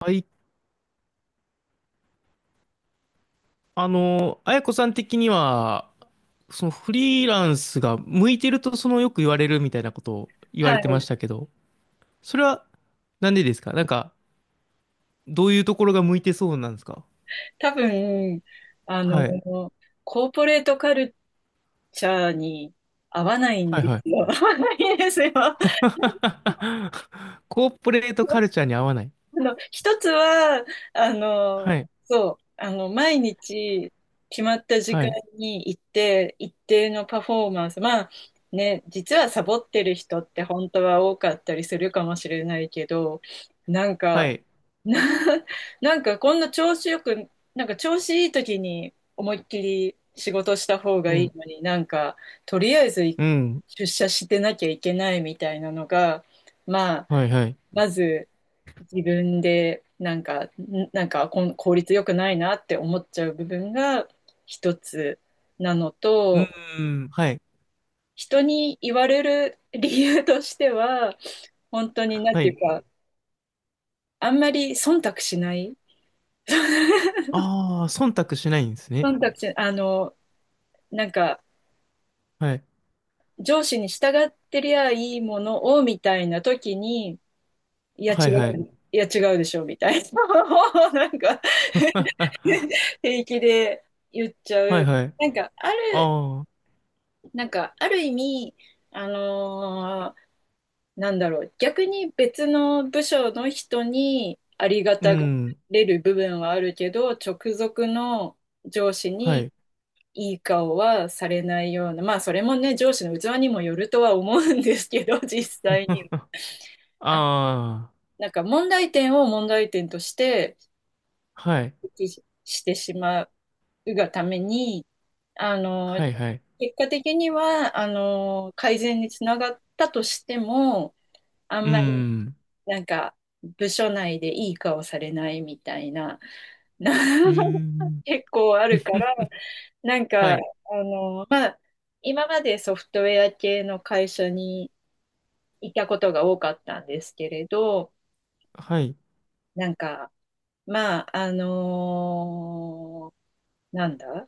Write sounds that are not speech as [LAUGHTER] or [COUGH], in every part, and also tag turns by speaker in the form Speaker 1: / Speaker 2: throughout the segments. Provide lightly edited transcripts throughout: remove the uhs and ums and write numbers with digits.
Speaker 1: はい、あやこさん的には、そのフリーランスが向いてるとよく言われるみたいなことを言わ
Speaker 2: は
Speaker 1: れてま
Speaker 2: い。
Speaker 1: したけど、それはなんでですか？なんか、どういうところが向いてそうなんですか？
Speaker 2: 多分、あの、
Speaker 1: はい。
Speaker 2: コーポレートカルチャーに合わないん
Speaker 1: はい
Speaker 2: で
Speaker 1: はい。
Speaker 2: すよ。[LAUGHS] 合わないんですよ。
Speaker 1: [LAUGHS] コーポレートカルチャーに合わない。
Speaker 2: 一つは、あ
Speaker 1: は
Speaker 2: の、
Speaker 1: い。
Speaker 2: そう、毎日決まった時
Speaker 1: は
Speaker 2: 間
Speaker 1: い。
Speaker 2: に行って、一定のパフォーマンス、まあ、ね、実はサボってる人って本当は多かったりするかもしれないけど、なんか、
Speaker 1: はい。
Speaker 2: [LAUGHS] な、なんかこんな調子よく、なんか調子いい時に思いっきり仕事した方
Speaker 1: う
Speaker 2: がいい
Speaker 1: ん。
Speaker 2: のになんかとりあえず
Speaker 1: うん。
Speaker 2: 出社してなきゃいけないみたいなのが、まあ、
Speaker 1: はいはい。
Speaker 2: まず自分でなんか、なんか効率よくないなって思っちゃう部分が一つなの
Speaker 1: う
Speaker 2: と、
Speaker 1: ーん。はい。
Speaker 2: 人に言われる理由としては、本当になん
Speaker 1: は
Speaker 2: ていう
Speaker 1: い。
Speaker 2: か、あんまり忖度しない。
Speaker 1: ああ、忖度しないんですね。
Speaker 2: 忖度し、あの、なんか、
Speaker 1: はい。
Speaker 2: 上司に従ってりゃいいものを、みたいな時に、いや
Speaker 1: は
Speaker 2: 違
Speaker 1: いはい。
Speaker 2: いや違うでしょ、みたいな、[LAUGHS] なんか、
Speaker 1: [LAUGHS]
Speaker 2: 平気で言っちゃ
Speaker 1: はい
Speaker 2: う。
Speaker 1: はい。
Speaker 2: なんか、
Speaker 1: ああ。
Speaker 2: なんか、ある意味、あのーなんだろう、逆に別の部署の人にありが
Speaker 1: う
Speaker 2: たが
Speaker 1: ん。
Speaker 2: れる部分はあるけど、直属の上司
Speaker 1: は
Speaker 2: に、
Speaker 1: い。
Speaker 2: いい顔はされないような、まあそれもね、上司の器にもよるとは思うんですけど、実際
Speaker 1: [LAUGHS]
Speaker 2: にあ、
Speaker 1: ああ、
Speaker 2: なんか問題点を問題点として
Speaker 1: はい。
Speaker 2: 指摘してしまうがために、あの、
Speaker 1: はい、はい。
Speaker 2: 結果的には、改善につながったとしても、あ
Speaker 1: う
Speaker 2: ん
Speaker 1: ー
Speaker 2: まり、
Speaker 1: ん。
Speaker 2: なんか、部署内でいい顔されないみたいな、な
Speaker 1: うー
Speaker 2: [LAUGHS]
Speaker 1: ん。
Speaker 2: 結構あるから、なん
Speaker 1: は
Speaker 2: か、
Speaker 1: い。
Speaker 2: まあ、今までソフトウェア系の会社にいたことが多かったんですけれど、
Speaker 1: はい。
Speaker 2: なんか、まあ、あのーなんだ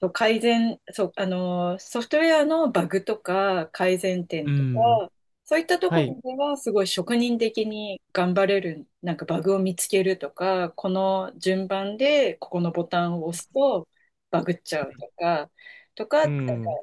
Speaker 2: そう改善、そう、あのーソフトウェアのバグとか改善点
Speaker 1: うー
Speaker 2: とか、
Speaker 1: ん。
Speaker 2: そういったと
Speaker 1: は
Speaker 2: こ
Speaker 1: い。
Speaker 2: ろではすごい職人的に頑張れる、なんかバグを見つけるとか、この順番でここのボタンを押すとバグっちゃ
Speaker 1: は
Speaker 2: う
Speaker 1: い。
Speaker 2: とか、な
Speaker 1: う
Speaker 2: ん
Speaker 1: ー
Speaker 2: か
Speaker 1: ん。う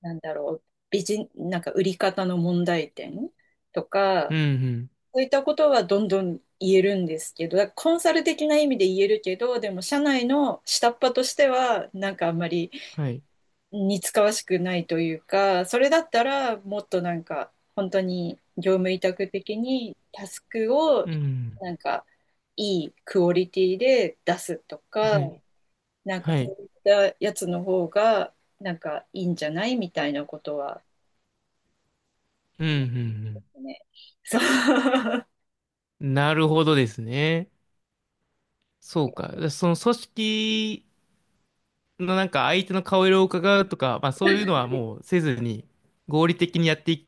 Speaker 2: なんだろう、なんか売り方の問題点とか、
Speaker 1: んうん。
Speaker 2: そういったことはどんどん言えるんですけど、だからコンサル的な意味で言えるけど、でも社内の下っ端としては、なんかあんまり
Speaker 1: はい。
Speaker 2: 似つかわしくないというか、それだったらもっとなんか本当に業務委託的にタスクを
Speaker 1: うーん。
Speaker 2: なんかいいクオリティで出すとか、
Speaker 1: はい。
Speaker 2: なんか
Speaker 1: は
Speaker 2: そ
Speaker 1: い。
Speaker 2: ういったやつの方がなんかいいんじゃないみたいなことは
Speaker 1: うんうん
Speaker 2: ね、そう、[LAUGHS]
Speaker 1: うん。なるほどですね。そうか。その組織のなんか相手の顔色を伺うとか、まあそういうのはもうせずに合理的にやってい、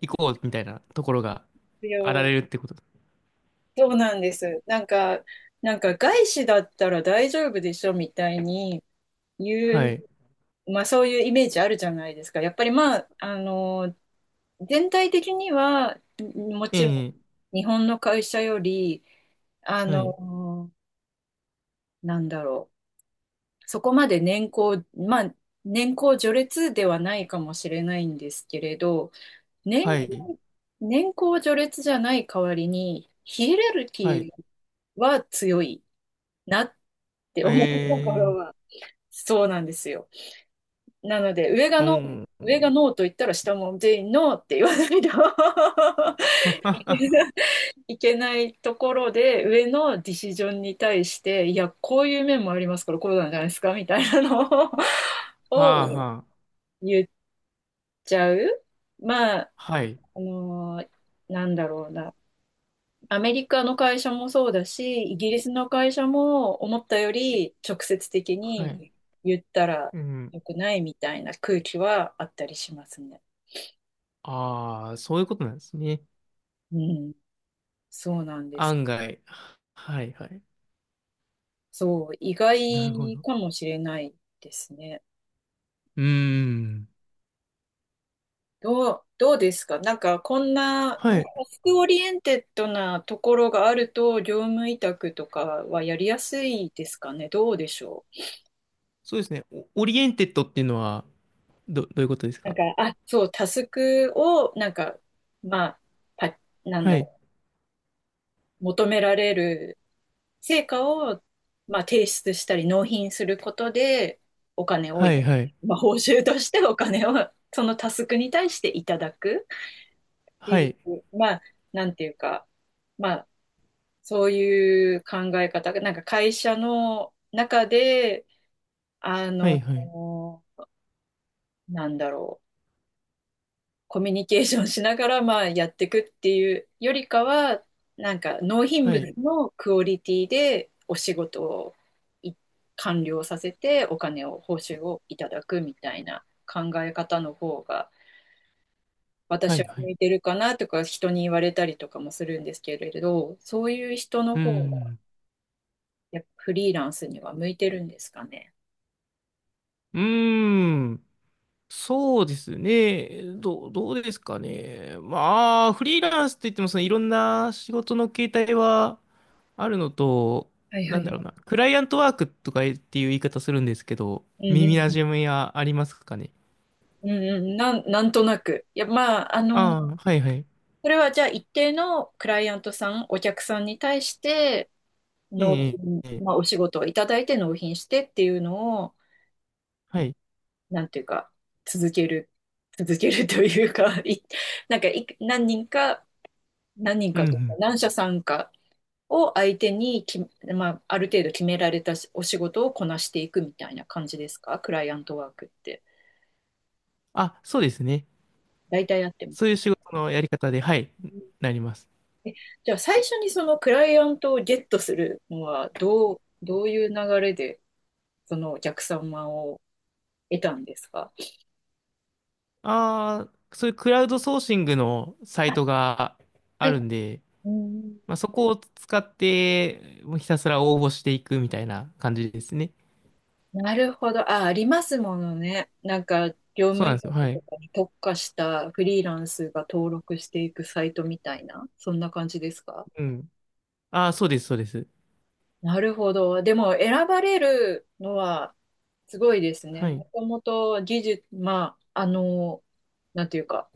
Speaker 1: いこうみたいなところが
Speaker 2: 必
Speaker 1: あら
Speaker 2: 要
Speaker 1: れるってこと？
Speaker 2: そうなんです。なんか外資だったら大丈夫でしょみたいに言
Speaker 1: はい。
Speaker 2: う、まあそういうイメージあるじゃないですか。やっぱりまあ、全体的には、も
Speaker 1: え
Speaker 2: ちろ
Speaker 1: え。
Speaker 2: ん日本の会社より、あ
Speaker 1: はい。
Speaker 2: の、なんだろう。そこまでまあ、年功序列ではないかもしれないんですけれど、年
Speaker 1: はい。
Speaker 2: 功、年功序列じゃない代わりに、ヒエラル
Speaker 1: はい。
Speaker 2: キーは強いなっって
Speaker 1: え
Speaker 2: 思うとこ
Speaker 1: え
Speaker 2: ろ [LAUGHS]
Speaker 1: ー、
Speaker 2: は、そうなんですよ。なので、
Speaker 1: うん。
Speaker 2: 上がノーと言ったら下も全員ノーって言わないと [LAUGHS]
Speaker 1: [LAUGHS] は
Speaker 2: いけないところで、上のディシジョンに対して、いや、こういう面もありますから、こうなんじゃないですかみたいなのを
Speaker 1: は
Speaker 2: [LAUGHS] を
Speaker 1: はあ。
Speaker 2: 言っちゃう。まあ、
Speaker 1: はい。
Speaker 2: あのーなんだろうな。アメリカの会社もそうだし、イギリスの会社も思ったより直接的
Speaker 1: はい。
Speaker 2: に言ったら
Speaker 1: うん。
Speaker 2: 良くないみたいな空気はあったりしますね。
Speaker 1: ああ、そういうことなんですね。
Speaker 2: うん、そうなんです。
Speaker 1: 案外。はいはい。
Speaker 2: そう、意
Speaker 1: なるほ
Speaker 2: 外
Speaker 1: ど。
Speaker 2: かもしれないですね。
Speaker 1: うーん。
Speaker 2: どうですかなんかこんな、まあ
Speaker 1: はい。
Speaker 2: タスクオリエンテッドなところがあると、業務委託とかはやりやすいですかねどうでしょう。
Speaker 1: そうですね。オオリエンテッドっていうのは、どういうことです
Speaker 2: なん
Speaker 1: か？
Speaker 2: か、あ、そう、タスクを、なんか、まあ、パなん
Speaker 1: は
Speaker 2: だ
Speaker 1: い。
Speaker 2: ろう、求められる成果を、まあ、提出したり納品することで、お金を、
Speaker 1: はいはい。
Speaker 2: まあ、報酬としてお金を、そのタスクに対していただくって
Speaker 1: は
Speaker 2: いう、
Speaker 1: い。
Speaker 2: まあ、なんていうか、まあ、そういう考え方が、なんか会社の中で、あ
Speaker 1: はい
Speaker 2: の、
Speaker 1: はい。
Speaker 2: なんだろう、コミュニケーションしながら、まあ、やっていくっていうよりかは、なんか納品
Speaker 1: は
Speaker 2: 物
Speaker 1: い。
Speaker 2: のクオリティでお仕事をい完了させてお金を、報酬をいただくみたいな考え方の方が、
Speaker 1: は
Speaker 2: 私は
Speaker 1: いは
Speaker 2: 向
Speaker 1: い。
Speaker 2: いてるかなとか人に言われたりとかもするんですけれど、そういう人の
Speaker 1: うー
Speaker 2: 方が
Speaker 1: ん。
Speaker 2: やっぱフリーランスには向いてるんですかね。
Speaker 1: うーん。そうですね。どうですかね。まあ、フリーランスって言っても、そのいろんな仕事の形態はあるのと、
Speaker 2: はいは
Speaker 1: な
Speaker 2: い
Speaker 1: ん
Speaker 2: は
Speaker 1: だろうな、
Speaker 2: い。
Speaker 1: クライアントワークとかっていう言い方するんですけど、
Speaker 2: う
Speaker 1: 耳
Speaker 2: ん
Speaker 1: なじみはありますかね。
Speaker 2: うん、うんうんうん、なんとなく。いや、まあ、
Speaker 1: ああ、はいはい。
Speaker 2: それはじゃあ一定のクライアントさん、お客さんに対して納
Speaker 1: ええ、
Speaker 2: 品、
Speaker 1: ええ、
Speaker 2: まあお仕事をいただいて納品してっていうのを、
Speaker 1: はい。
Speaker 2: なんていうか、続ける、続けるというか、[LAUGHS] なんか何人
Speaker 1: う
Speaker 2: か
Speaker 1: んう
Speaker 2: というか、
Speaker 1: ん。
Speaker 2: 何社さんかを相手に、まあある程度決められたお仕事をこなしていくみたいな感じですかクライアントワークって。
Speaker 1: あ、そうですね。
Speaker 2: 大体やってま
Speaker 1: そういう
Speaker 2: す。
Speaker 1: 仕事のやり方で、はい、なります。
Speaker 2: えじゃあ最初にそのクライアントをゲットするのはどういう流れでそのお客様を得たんですか。
Speaker 1: ああ、そういうクラウドソーシングのサイ
Speaker 2: あ
Speaker 1: トがあ
Speaker 2: は
Speaker 1: る
Speaker 2: い。
Speaker 1: んで、
Speaker 2: うん、
Speaker 1: まあ、そこを使って、もうひたすら応募していくみたいな感じですね。
Speaker 2: なるほど。あ、ありますものね。なんか、業
Speaker 1: そう
Speaker 2: 務
Speaker 1: なん
Speaker 2: 委
Speaker 1: です
Speaker 2: 託
Speaker 1: よ。は
Speaker 2: と
Speaker 1: い。
Speaker 2: かに特化したフリーランスが登録していくサイトみたいな、そんな感じですか。
Speaker 1: うん。ああ、そうです、そうです。
Speaker 2: なるほど。でも、選ばれるのはすごいですね。
Speaker 1: はい。
Speaker 2: もともと技術、まあ、なんていうか、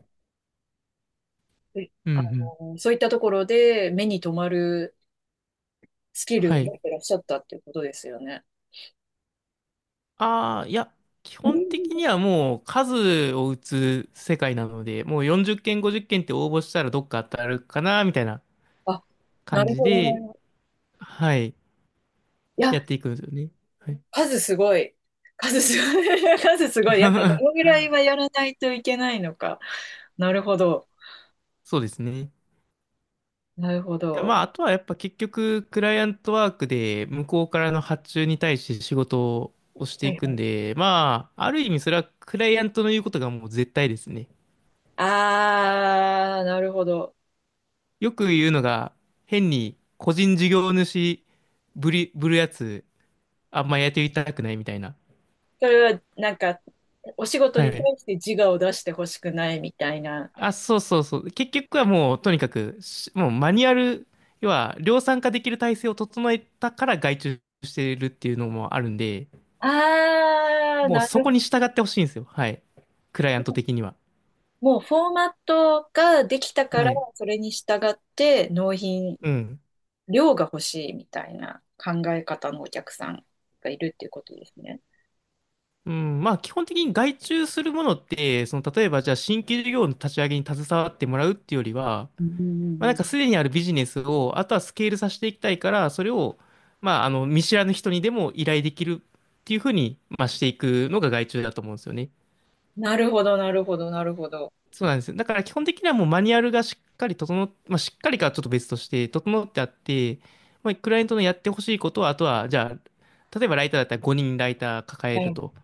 Speaker 2: え
Speaker 1: うん、う
Speaker 2: あ
Speaker 1: ん。
Speaker 2: の、そういったところで目に留まるスキル
Speaker 1: は
Speaker 2: を持
Speaker 1: い。
Speaker 2: ってらっしゃったっていうことですよね。
Speaker 1: ああ、いや、基
Speaker 2: う
Speaker 1: 本的
Speaker 2: ん。
Speaker 1: にはもう数を打つ世界なので、もう40件、50件っけんって応募したらどっか当たるかな、みたいな
Speaker 2: あ、な
Speaker 1: 感
Speaker 2: る
Speaker 1: じ
Speaker 2: ほど
Speaker 1: で、
Speaker 2: ね。い
Speaker 1: はい。
Speaker 2: や、
Speaker 1: やっていくんですよね。はい。
Speaker 2: 数すごい。数すごい。[LAUGHS] 数すごい。やっぱこのぐ
Speaker 1: [LAUGHS]
Speaker 2: らいはやらないといけないのか。なるほど。
Speaker 1: そうですね。
Speaker 2: なるほ
Speaker 1: や、まあ、
Speaker 2: ど。
Speaker 1: あとはやっぱ結局、クライアントワークで向こうからの発注に対して仕事をして
Speaker 2: は
Speaker 1: い
Speaker 2: い
Speaker 1: く
Speaker 2: は
Speaker 1: ん
Speaker 2: い。
Speaker 1: で、まあ、ある意味それはクライアントの言うことがもう絶対ですね。
Speaker 2: あー、なるほど。
Speaker 1: よく言うのが、変に個人事業主ぶるやつ、あんまやってみたくないみたいな。
Speaker 2: それは、なんか、お仕事
Speaker 1: は
Speaker 2: に対
Speaker 1: い。
Speaker 2: して自我を出してほしくないみたいな。
Speaker 1: あ、そうそうそう。結局はもう、とにかくし、もうマニュアル、要は量産化できる体制を整えたから外注してるっていうのもあるんで、
Speaker 2: あー、
Speaker 1: もう
Speaker 2: な
Speaker 1: そ
Speaker 2: るほ
Speaker 1: こ
Speaker 2: ど。
Speaker 1: に従ってほしいんですよ。はい。クライアント的には。
Speaker 2: もうフォーマットができたから、
Speaker 1: はい。
Speaker 2: それに従って納品、
Speaker 1: うん。
Speaker 2: 量が欲しいみたいな考え方のお客さんがいるっていうことですね。
Speaker 1: うん。まあ、基本的に外注するものって、その、例えば、じゃあ、新規事業の立ち上げに携わってもらうっていうよりは、
Speaker 2: うんうん
Speaker 1: まあ、な
Speaker 2: う
Speaker 1: ん
Speaker 2: ん、
Speaker 1: か、すでにあるビジネスを、あとはスケールさせていきたいから、それを、まあ、あの、見知らぬ人にでも依頼できるっていうふうに、まあ、していくのが外注だと思うんですよね。
Speaker 2: なるほど、なるほど、なるほど。
Speaker 1: そうなんですよ。だから基本的にはもうマニュアルがしっかりまあ、しっかりかはちょっと別として整ってあって、まあ、クライアントのやってほしいことは、あとは、じゃあ、例えばライターだったら5人ライター抱え
Speaker 2: は
Speaker 1: る
Speaker 2: い。
Speaker 1: と。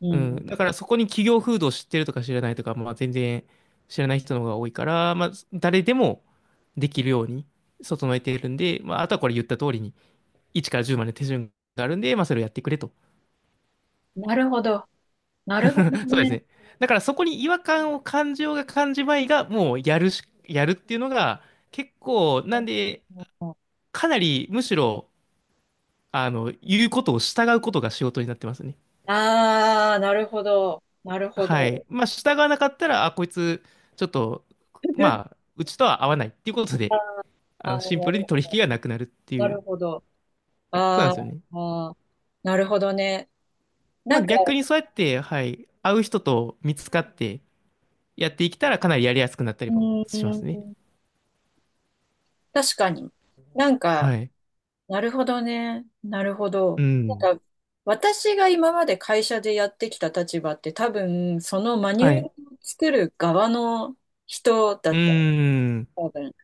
Speaker 2: う
Speaker 1: うん。
Speaker 2: ん
Speaker 1: だからそこに企業風土を知ってるとか知らないとか、まあ、全然知らない人の方が多いから、まあ、誰でもできるように整えているんで、まあ、あとはこれ言った通りに、1から10まで手順があるんで、まあ、それをやってくれと。
Speaker 2: うん。なるほど。なるほど
Speaker 1: [LAUGHS] そうです
Speaker 2: ね。
Speaker 1: ね。だからそこに違和感を感じようが感じまいが、もうやるし、やるっていうのが、結構、なんで、かなりむしろ、あの、言うことを従うことが仕事になってますね。
Speaker 2: ああ、なるほど、なるほ
Speaker 1: はい。
Speaker 2: ど。
Speaker 1: まあ、従わなかったら、あ、こいつ、ちょっと、ま
Speaker 2: [LAUGHS]
Speaker 1: あ、うちとは合わないっていうことで、
Speaker 2: あ
Speaker 1: あの、シンプル
Speaker 2: ー
Speaker 1: に取引がなくなるって
Speaker 2: な
Speaker 1: いう。
Speaker 2: るほど。
Speaker 1: そうなん
Speaker 2: あ
Speaker 1: で
Speaker 2: ー
Speaker 1: すよね。
Speaker 2: あー、なるほどね。
Speaker 1: ま
Speaker 2: な
Speaker 1: あ、
Speaker 2: んか、
Speaker 1: 逆にそうやって、はい、会う人と見つかってやっていけたら、かなりやりやすくなった
Speaker 2: う
Speaker 1: りもしま
Speaker 2: ー
Speaker 1: すね。
Speaker 2: ん、確かに。なんか、
Speaker 1: はい。
Speaker 2: なるほどね。なるほ
Speaker 1: う
Speaker 2: ど。な
Speaker 1: ん。
Speaker 2: んか、私が今まで会社でやってきた立場って多分、そのマニュ
Speaker 1: は
Speaker 2: アル
Speaker 1: い。
Speaker 2: を作る側の人だ
Speaker 1: うー
Speaker 2: った。
Speaker 1: ん。
Speaker 2: 多分。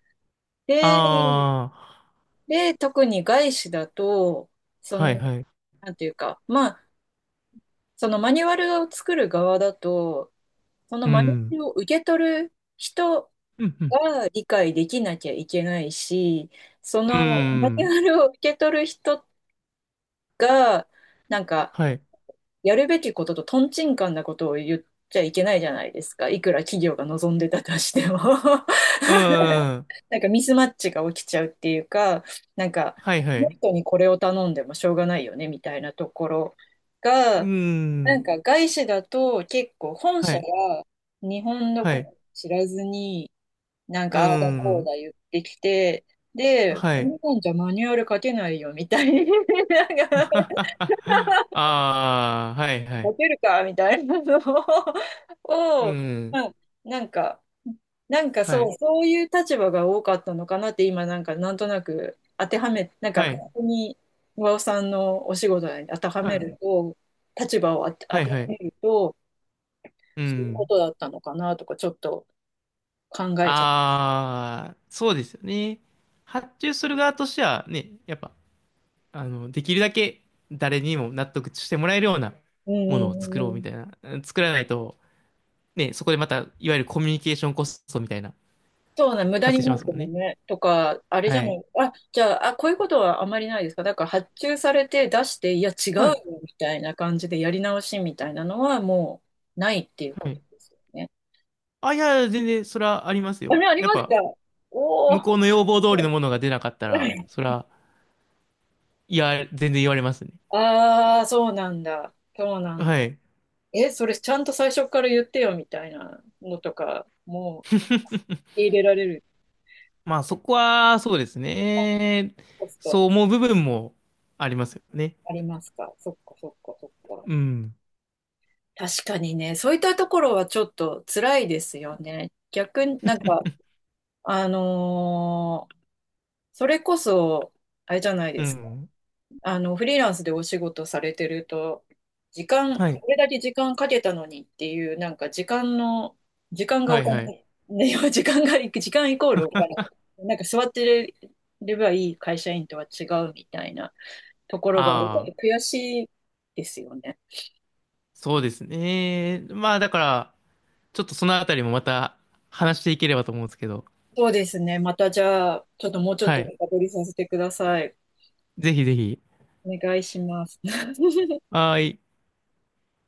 Speaker 2: で、
Speaker 1: ああ、
Speaker 2: で、特に外資だと、そ
Speaker 1: はい
Speaker 2: の、
Speaker 1: はい。
Speaker 2: なんていうか、まあ、そのマニュアルを作る側だと、その
Speaker 1: う
Speaker 2: マニュア
Speaker 1: ん。
Speaker 2: ルを受け取る人
Speaker 1: うん、うん。
Speaker 2: が理解できなきゃいけないし、そ
Speaker 1: う
Speaker 2: のマニュ
Speaker 1: ん。
Speaker 2: アルを受け取る人が、なんか、
Speaker 1: はい。
Speaker 2: やるべきこととトンチンカンなことを言っちゃいけないじゃないですか。いくら企業が望んでたとしても [LAUGHS]
Speaker 1: うん。
Speaker 2: なんかミスマッチが起きちゃうっていうか、なんか、
Speaker 1: はい
Speaker 2: こ
Speaker 1: は
Speaker 2: の
Speaker 1: い。
Speaker 2: 人にこれを頼んでもしょうがないよね、みたいなところ
Speaker 1: う
Speaker 2: が、なん
Speaker 1: ん。
Speaker 2: か外資だと結構本
Speaker 1: は
Speaker 2: 社
Speaker 1: い。
Speaker 2: が日本の
Speaker 1: は
Speaker 2: こと
Speaker 1: い。
Speaker 2: を知らずに、なん
Speaker 1: う
Speaker 2: かああだこう
Speaker 1: ん。
Speaker 2: だ言ってきて、で、
Speaker 1: はい。
Speaker 2: 日本じゃマニュアル書けないよみたいな、[LAUGHS] なんか
Speaker 1: [LAUGHS] ああ、はいは
Speaker 2: モ
Speaker 1: い。
Speaker 2: テるかみたいなのを、[LAUGHS]
Speaker 1: う
Speaker 2: を、
Speaker 1: ん。
Speaker 2: うん、なんか、なんか
Speaker 1: は
Speaker 2: そう、
Speaker 1: い。
Speaker 2: そういう立場が多かったのかなって今なんかなんとなく当てはめ、なんか
Speaker 1: はい。
Speaker 2: ここに和尾さんのお仕事に当ては
Speaker 1: は
Speaker 2: め
Speaker 1: い
Speaker 2: ると、立場を当
Speaker 1: はい
Speaker 2: ては
Speaker 1: はい。
Speaker 2: めると、
Speaker 1: う
Speaker 2: そういうこ
Speaker 1: ん。
Speaker 2: とだったのかなとかちょっと考えちゃ
Speaker 1: ああ、そうですよね。発注する側としてはね、やっぱ、あの、できるだけ誰にも納得してもらえるような
Speaker 2: う。うん
Speaker 1: もの
Speaker 2: う
Speaker 1: を作
Speaker 2: んう
Speaker 1: ろ
Speaker 2: ん
Speaker 1: う
Speaker 2: う
Speaker 1: み
Speaker 2: ん、
Speaker 1: たいな、作らないと、ね、そこでまた、いわゆるコミュニケーションコストみたいな、
Speaker 2: そうね、無駄
Speaker 1: 発
Speaker 2: に
Speaker 1: 生し
Speaker 2: な
Speaker 1: ま
Speaker 2: っ
Speaker 1: す
Speaker 2: て
Speaker 1: もん
Speaker 2: も
Speaker 1: ね。
Speaker 2: ね、とか、あれじ
Speaker 1: は
Speaker 2: ゃな
Speaker 1: い。
Speaker 2: い、あ、じゃあ、あ、こういうことはあまりないですか。だから発注されて出して、いや、違う
Speaker 1: は
Speaker 2: よ、
Speaker 1: い。
Speaker 2: みたいな感じでやり直しみたいなのはもうないっていうこ
Speaker 1: は
Speaker 2: と
Speaker 1: い。
Speaker 2: ですよね。
Speaker 1: あ、いや、全然、それはあります
Speaker 2: あ
Speaker 1: よ。
Speaker 2: れ、あり
Speaker 1: やっ
Speaker 2: ますか。
Speaker 1: ぱ、
Speaker 2: おお
Speaker 1: 向
Speaker 2: ー。
Speaker 1: こうの要望通りのものが出なかったら、それ
Speaker 2: [LAUGHS]
Speaker 1: は、いや、全然言われますね。
Speaker 2: ああ、そうなんだ。そうなん
Speaker 1: は
Speaker 2: だ。
Speaker 1: い。
Speaker 2: え、それちゃんと最初から言ってよ、みたいなのとか、もう入れられる
Speaker 1: まあ、そこは、そうですね。
Speaker 2: コス
Speaker 1: そう
Speaker 2: ト
Speaker 1: 思う部分もありますよね。
Speaker 2: ありますか。そっか、そっか、そっか。
Speaker 1: うん。
Speaker 2: 確かにね、そういったところはちょっと辛いですよね。逆になんか、あのーそれこそ、あれじゃない
Speaker 1: う
Speaker 2: ですか。
Speaker 1: ん。
Speaker 2: フリーランスでお仕事されてると、時間、こ
Speaker 1: はい。
Speaker 2: れだけ時間かけたのにっていう、なんか時間の、時間が
Speaker 1: は
Speaker 2: お
Speaker 1: い、はい。
Speaker 2: 金、ね、[LAUGHS] 時間が、時間イコールお金。なんか座ってればいい会社員とは違うみたいなところが、やっぱ
Speaker 1: ああ、
Speaker 2: り悔しいですよね。
Speaker 1: そうですね。まあ、だから、ちょっとそのあたりもまた話していければと思うんですけど。
Speaker 2: そうですね。またじゃあ、ちょっともうちょっ
Speaker 1: は
Speaker 2: と
Speaker 1: い。
Speaker 2: 深掘りさせてください。
Speaker 1: ぜひぜひ。
Speaker 2: お願いします。[LAUGHS]
Speaker 1: はーい。